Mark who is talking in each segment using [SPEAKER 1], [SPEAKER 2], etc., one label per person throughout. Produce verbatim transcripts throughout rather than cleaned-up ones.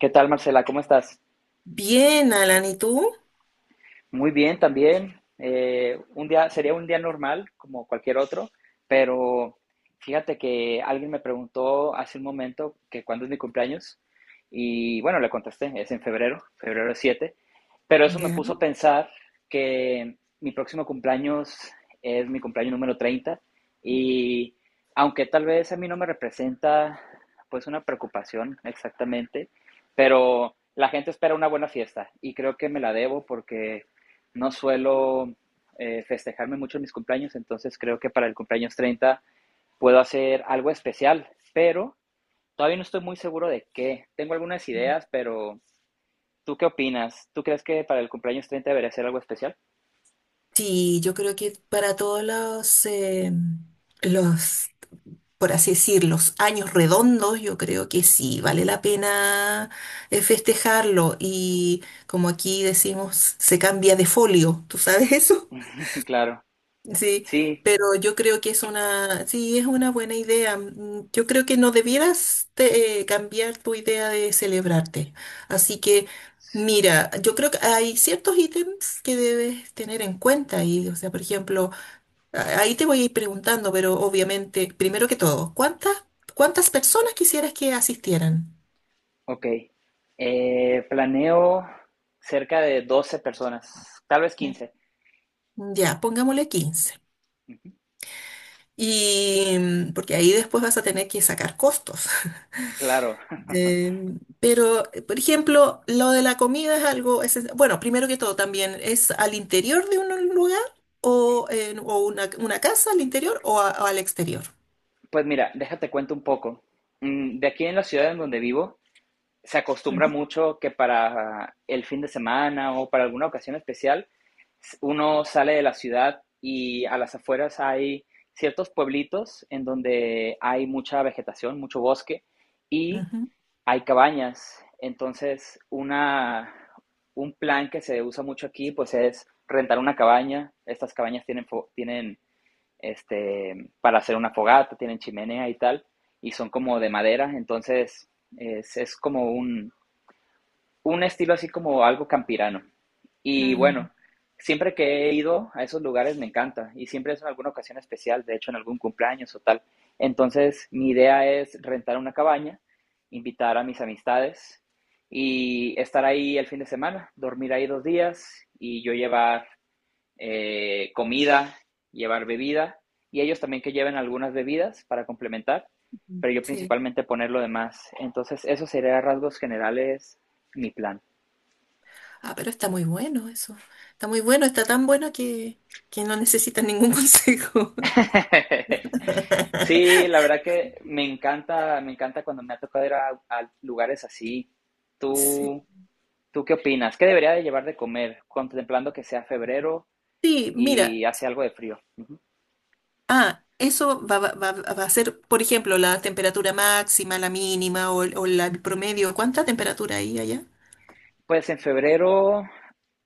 [SPEAKER 1] ¿Qué tal, Marcela? ¿Cómo estás?
[SPEAKER 2] Bien, Alan, ¿y tú?
[SPEAKER 1] Muy bien también. Eh, un día, sería un día normal, como cualquier otro, pero fíjate que alguien me preguntó hace un momento que cuándo es mi cumpleaños y bueno, le contesté, es en febrero, febrero siete, pero eso me
[SPEAKER 2] Ya.
[SPEAKER 1] puso a pensar que mi próximo cumpleaños es mi cumpleaños número treinta, y aunque tal vez a mí no me representa pues una preocupación exactamente, pero la gente espera una buena fiesta y creo que me la debo porque no suelo eh, festejarme mucho en mis cumpleaños. Entonces creo que para el cumpleaños treinta puedo hacer algo especial, pero todavía no estoy muy seguro de qué. Tengo algunas ideas, pero ¿tú qué opinas? ¿Tú crees que para el cumpleaños treinta debería ser algo especial?
[SPEAKER 2] Sí, yo creo que para todos los, eh, los, por así decir, los años redondos, yo creo que sí, vale la pena eh, festejarlo. Y como aquí decimos, se cambia de folio, ¿tú sabes eso?
[SPEAKER 1] Claro,
[SPEAKER 2] Sí,
[SPEAKER 1] sí,
[SPEAKER 2] pero yo creo que es una, sí, es una buena idea. Mm, Yo creo que no debieras te- eh, cambiar tu idea de celebrarte. Así que,
[SPEAKER 1] sí,
[SPEAKER 2] mira, yo creo que hay ciertos ítems que debes tener en cuenta y, o sea, por ejemplo, a- ahí te voy a ir preguntando, pero obviamente, primero que todo, ¿cuántas, ¿cuántas personas quisieras que asistieran?
[SPEAKER 1] ok. Eh, planeo cerca de doce personas, tal vez quince.
[SPEAKER 2] Ya, pongámosle quince. Y mm, porque ahí después vas a tener que sacar costos.
[SPEAKER 1] Claro.
[SPEAKER 2] Em, pero, eh, por ejemplo, lo de la comida es algo esencial. Bueno, primero que todo, también es al interior de un lugar o, en- o una, una casa al interior o, a- o al exterior.
[SPEAKER 1] Pues mira, déjate cuento un poco. Mm, De aquí en la ciudad en donde vivo, se acostumbra
[SPEAKER 2] Ujú,
[SPEAKER 1] mucho que para el fin de semana o para alguna ocasión especial, uno sale de la ciudad y a las afueras hay ciertos pueblitos en donde hay mucha vegetación, mucho bosque y hay cabañas. Entonces, una, un plan que se usa mucho aquí pues es rentar una cabaña. Estas cabañas tienen, tienen este, para hacer una fogata, tienen chimenea y tal, y son como de madera. Entonces es, es como un, un estilo así como algo campirano.
[SPEAKER 2] ujú,
[SPEAKER 1] Y
[SPEAKER 2] mm,
[SPEAKER 1] bueno, siempre que he ido a esos lugares me encanta y siempre es en alguna ocasión especial, de hecho en algún cumpleaños o tal. Entonces mi idea es rentar una cabaña, invitar a mis amistades y estar ahí el fin de semana, dormir ahí dos días y yo llevar eh, comida, llevar bebida, y ellos también que lleven algunas bebidas para complementar, pero yo
[SPEAKER 2] sí.
[SPEAKER 1] principalmente poner lo demás. Entonces, eso sería a rasgos generales mi plan.
[SPEAKER 2] Ah, pero está muy bueno eso. Está muy bueno, está
[SPEAKER 1] Sí.
[SPEAKER 2] tan bueno que, que no necesitas ningún consejo.
[SPEAKER 1] Sí, la verdad que me encanta, me encanta cuando me ha tocado ir a, a lugares así.
[SPEAKER 2] Sí.
[SPEAKER 1] ¿Tú, ¿Tú qué opinas? ¿Qué debería de llevar de comer contemplando que sea febrero
[SPEAKER 2] Sí, mira,
[SPEAKER 1] y hace algo de frío? Uh -huh.
[SPEAKER 2] ah, eso va, va- va- va a ser, por ejemplo, la temperatura máxima, la mínima o, el- o la- el promedio. ¿Cuánta temperatura hay allá?
[SPEAKER 1] Pues en febrero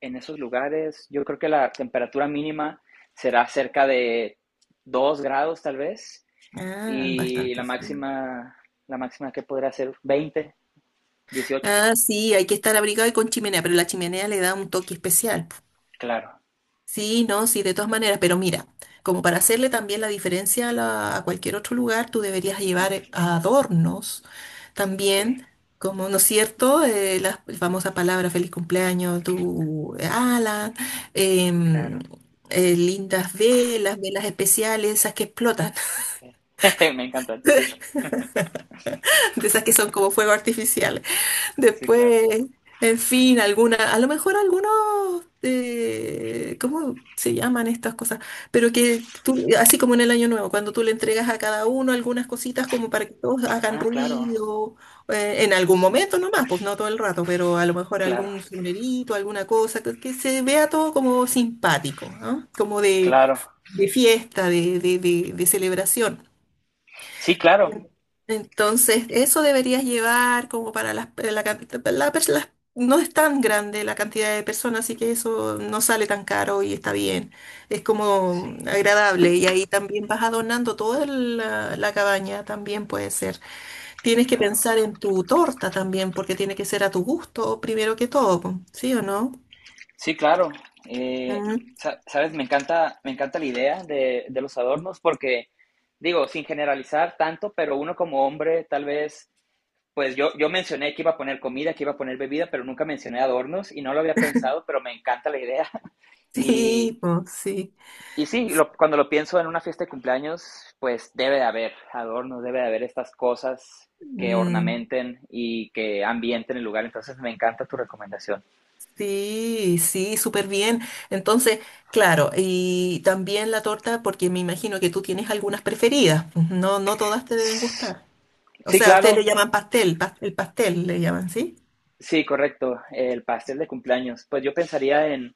[SPEAKER 1] en esos lugares, yo creo que la temperatura mínima será cerca de dos grados tal vez,
[SPEAKER 2] Ah,
[SPEAKER 1] y la
[SPEAKER 2] bastante frío.
[SPEAKER 1] máxima, la máxima que podrá ser veinte, dieciocho.
[SPEAKER 2] Ah, sí, hay que estar abrigado y con chimenea, pero la chimenea le da un toque especial. Po.
[SPEAKER 1] Claro,
[SPEAKER 2] Sí, no, sí, de todas maneras, pero mira, como para hacerle también la diferencia a, la- a cualquier otro lugar, tú deberías llevar eh, adornos
[SPEAKER 1] ok,
[SPEAKER 2] también, como, ¿no es cierto? Eh, la famosa palabra feliz cumpleaños, tu ala, em,
[SPEAKER 1] claro,
[SPEAKER 2] eh, lindas velas, velas especiales, esas que explotan,
[SPEAKER 1] ok. Me encanta, sí,
[SPEAKER 2] de esas que son como fuego artificial.
[SPEAKER 1] sí, claro.
[SPEAKER 2] Después, en fin, alguna, a lo mejor algunos, eh, ¿cómo se llaman estas cosas? Pero que tú, así como en el Año Nuevo, cuando tú le entregas a cada uno algunas cositas como para que todos hagan
[SPEAKER 1] Ah, claro,
[SPEAKER 2] ruido, eh, en algún
[SPEAKER 1] sí,
[SPEAKER 2] momento nomás, pues no todo el rato, pero a lo mejor
[SPEAKER 1] claro,
[SPEAKER 2] algún sonerito, alguna cosa, que, que se vea todo como simpático, ¿ah? Como de,
[SPEAKER 1] claro.
[SPEAKER 2] de fiesta, de, de de- de celebración.
[SPEAKER 1] Sí, claro,
[SPEAKER 2] Entonces, eso deberías llevar como para las, pe- la, can- la pers- las- no es tan grande la cantidad de personas, así que eso no sale tan caro y está bien. Es como
[SPEAKER 1] sí,
[SPEAKER 2] agradable y ahí también vas adornando toda la, la cabaña, también puede ser. Tienes que
[SPEAKER 1] claro.
[SPEAKER 2] pensar en tu torta también, porque tiene que ser a tu gusto primero que todo, po, ¿sí o no?
[SPEAKER 1] Sí, claro. Eh,
[SPEAKER 2] Mm.
[SPEAKER 1] sa- sabes, me encanta, me encanta la idea de, de los adornos porque, digo, sin generalizar tanto, pero uno como hombre, tal vez, pues yo, yo mencioné que iba a poner comida, que iba a poner bebida, pero nunca mencioné adornos y no lo había pensado, pero me encanta la idea. Y,
[SPEAKER 2] Sí, pues sí.
[SPEAKER 1] y sí, lo- cuando lo pienso en una fiesta de cumpleaños, pues debe de haber adornos, debe de haber estas cosas que
[SPEAKER 2] Mm.
[SPEAKER 1] ornamenten y que ambienten el lugar. Entonces, me encanta tu recomendación.
[SPEAKER 2] Sí, sí, súper bien. Entonces, claro, y también la torta, porque me imagino que tú tienes algunas preferidas. Pues, no, no todas te deben gustar. O
[SPEAKER 1] Sí,
[SPEAKER 2] sea, ustedes
[SPEAKER 1] claro.
[SPEAKER 2] le llaman pastel, pas- el pastel le llaman, ¿sí?
[SPEAKER 1] Sí, correcto, el pastel de cumpleaños. Pues yo pensaría en,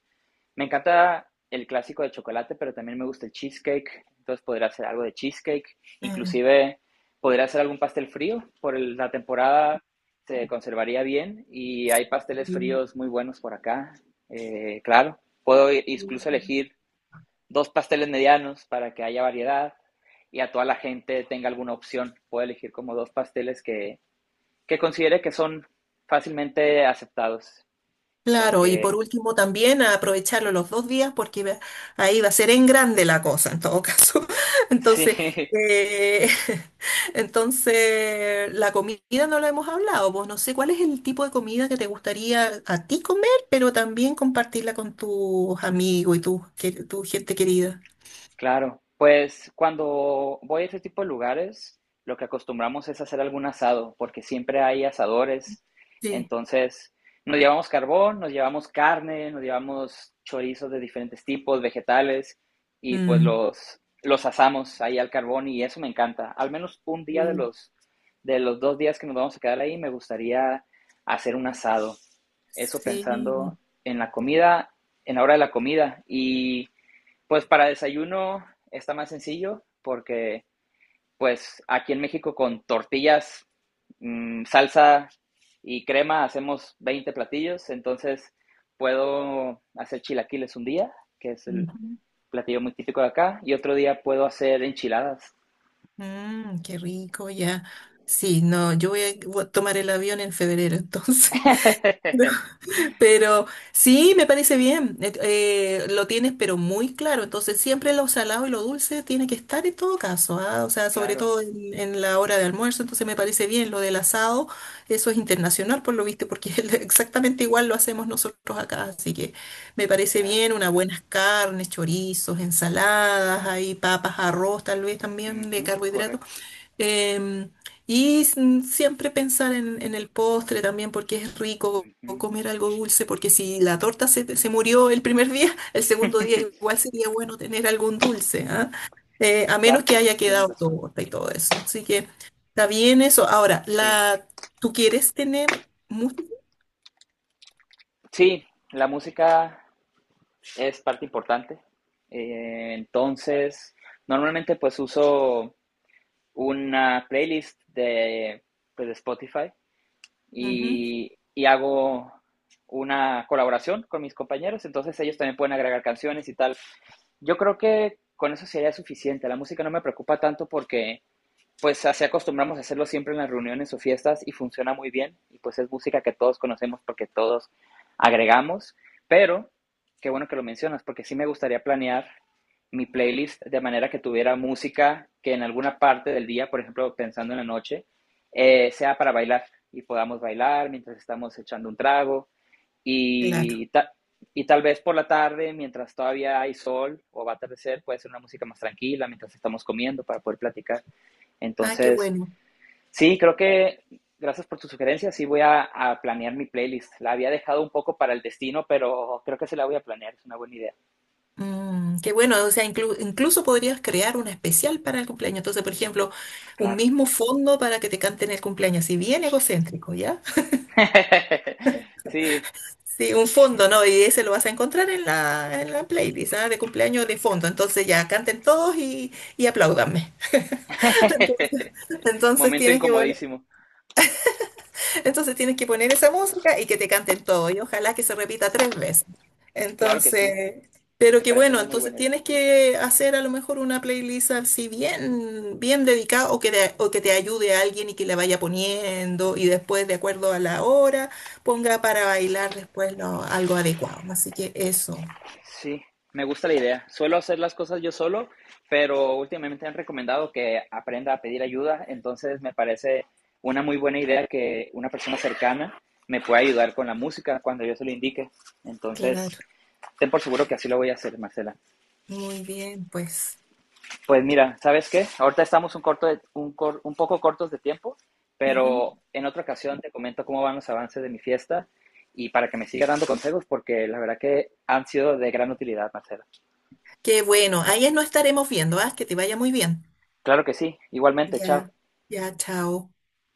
[SPEAKER 1] me encanta el clásico de chocolate, pero también me gusta el cheesecake, entonces podría hacer algo de cheesecake,
[SPEAKER 2] Eh,
[SPEAKER 1] inclusive podría hacer algún pastel frío, por el- la temporada se conservaría bien, y hay pasteles
[SPEAKER 2] sí.
[SPEAKER 1] fríos muy buenos por acá. Eh, claro, puedo i- incluso
[SPEAKER 2] Sí.
[SPEAKER 1] elegir dos pasteles medianos para que haya variedad y a toda la gente tenga alguna opción. Puedo elegir como dos pasteles que, que considere que son fácilmente aceptados
[SPEAKER 2] Claro, y
[SPEAKER 1] porque
[SPEAKER 2] por último también a aprovecharlo los dos días porque va- ahí va a ser en grande la cosa en todo caso. Entonces,
[SPEAKER 1] sí.
[SPEAKER 2] eh, entonces la comida no la hemos hablado, pues no sé cuál es el tipo de comida que te gustaría a ti comer, pero también compartirla con tus amigos y tu, que- tu gente querida.
[SPEAKER 1] Claro, pues cuando voy a este tipo de lugares, lo que acostumbramos es hacer algún asado, porque siempre hay asadores.
[SPEAKER 2] Sí.
[SPEAKER 1] Entonces, nos llevamos carbón, nos llevamos carne, nos llevamos chorizos de diferentes tipos, vegetales, y pues
[SPEAKER 2] Mm.
[SPEAKER 1] los, los asamos ahí al carbón y eso me encanta. Al menos un día de
[SPEAKER 2] Sí.
[SPEAKER 1] los, de los dos días que nos vamos a quedar ahí, me gustaría hacer un asado. Eso pensando
[SPEAKER 2] Sí.
[SPEAKER 1] en la comida, en la hora de la comida. Y pues para desayuno está más sencillo porque pues aquí en México con tortillas, mmm, salsa y crema hacemos veinte platillos, entonces puedo hacer chilaquiles un día, que es el
[SPEAKER 2] Ujú.
[SPEAKER 1] platillo muy típico de acá, y otro día puedo hacer enchiladas.
[SPEAKER 2] Mm, qué rico, ya. Sí, no, yo voy a voy a tomar el avión en febrero, entonces. Pero sí, me parece bien. Et- eh, lo tienes, pero muy claro. Entonces, siempre lo salado y lo dulce tiene que estar en todo caso, ¿ah? O sea, sobre
[SPEAKER 1] Claro,
[SPEAKER 2] todo en, en la hora de almuerzo. Entonces, me parece bien lo del asado. Eso es internacional, por lo visto, porque es exactamente igual lo hacemos nosotros acá. Así que me parece
[SPEAKER 1] claro.
[SPEAKER 2] bien unas buenas carnes, chorizos, ensaladas, ahí papas, arroz, tal vez también de
[SPEAKER 1] Ujú,
[SPEAKER 2] carbohidratos.
[SPEAKER 1] correcto.
[SPEAKER 2] Em, y s- mm, siempre pensar en, en el postre también porque es rico
[SPEAKER 1] Ujú.
[SPEAKER 2] comer algo dulce, porque si la torta se, te- se murió el primer día, el segundo día igual sería bueno tener algún dulce, ¿ah? Eh, a menos
[SPEAKER 1] Claro,
[SPEAKER 2] que haya
[SPEAKER 1] tienes
[SPEAKER 2] quedado
[SPEAKER 1] razón.
[SPEAKER 2] torta y todo eso. Así que está bien eso. Ahora,
[SPEAKER 1] Sí.
[SPEAKER 2] la, ¿tú quieres tener mucho?
[SPEAKER 1] Sí, la música es parte importante. Eh, entonces, normalmente pues uso una playlist de, pues, de Spotify,
[SPEAKER 2] Ujú,
[SPEAKER 1] y, y hago una colaboración con mis compañeros, entonces ellos también pueden agregar canciones y tal. Yo creo que con eso sería suficiente. La música no me preocupa tanto porque pues así acostumbramos a hacerlo siempre en las reuniones o fiestas y funciona muy bien. Y pues es música que todos conocemos porque todos agregamos. Pero qué bueno que lo mencionas porque sí me gustaría planear mi playlist de manera que tuviera música que en alguna parte del día, por ejemplo, pensando en la noche, eh, sea para bailar y podamos bailar mientras estamos echando un trago,
[SPEAKER 2] claro.
[SPEAKER 1] y, ta y tal vez por la tarde, mientras todavía hay sol o va a atardecer, puede ser una música más tranquila mientras estamos comiendo para poder platicar.
[SPEAKER 2] Ah, qué
[SPEAKER 1] Entonces,
[SPEAKER 2] bueno.
[SPEAKER 1] sí, creo que gracias por tu sugerencia. Sí, voy a, a, planear mi playlist. La había dejado un poco para el destino, pero creo que se la voy a planear. Es una buena idea.
[SPEAKER 2] Mm, qué bueno, o sea, inclu- incluso podrías crear una especial para el cumpleaños. Entonces, por ejemplo, un
[SPEAKER 1] Claro.
[SPEAKER 2] mismo fondo para que te canten el cumpleaños, si bien egocéntrico, ¿ya?
[SPEAKER 1] Sí,
[SPEAKER 2] Sí, un fondo, ¿no? Y ese lo vas a encontrar en la, en la playlist, ¿ah? De cumpleaños de fondo. Entonces ya canten todos y, y apláudanme. Entonces, entonces
[SPEAKER 1] momento
[SPEAKER 2] tienes que poner
[SPEAKER 1] incomodísimo.
[SPEAKER 2] entonces tienes que poner esa música y que te canten todo, y ojalá que se repita tres veces.
[SPEAKER 1] Claro que sí.
[SPEAKER 2] Entonces, pero
[SPEAKER 1] Me
[SPEAKER 2] que
[SPEAKER 1] parece
[SPEAKER 2] bueno,
[SPEAKER 1] una muy
[SPEAKER 2] entonces
[SPEAKER 1] buena idea.
[SPEAKER 2] tienes que hacer a lo mejor una playlist así bien, bien dedicada o que, de- o que te ayude a alguien y que la vaya poniendo y después, de acuerdo a la hora, ponga para bailar después lo- algo adecuado. Así que eso,
[SPEAKER 1] Sí, me gusta la idea. Suelo hacer las cosas yo solo, pero últimamente han recomendado que aprenda a pedir ayuda. Entonces, me parece una muy buena idea que una persona cercana me pueda ayudar con la música cuando yo se lo indique. Entonces,
[SPEAKER 2] claro,
[SPEAKER 1] ten por seguro que así lo voy a hacer, Marcela.
[SPEAKER 2] muy bien, pues.
[SPEAKER 1] Pues mira, ¿sabes qué? Ahorita estamos un, corto de- un, cor- un poco cortos de tiempo,
[SPEAKER 2] Ujú.
[SPEAKER 1] pero en otra ocasión te comento cómo van los avances de mi fiesta y para que me siga dando consejos, porque la verdad que han sido de gran utilidad, Marcela.
[SPEAKER 2] Qué bueno, ahí nos estaremos viendo, ¿ah? Que te vaya muy bien.
[SPEAKER 1] Claro que sí, igualmente, chao.
[SPEAKER 2] Ya, ya, chao.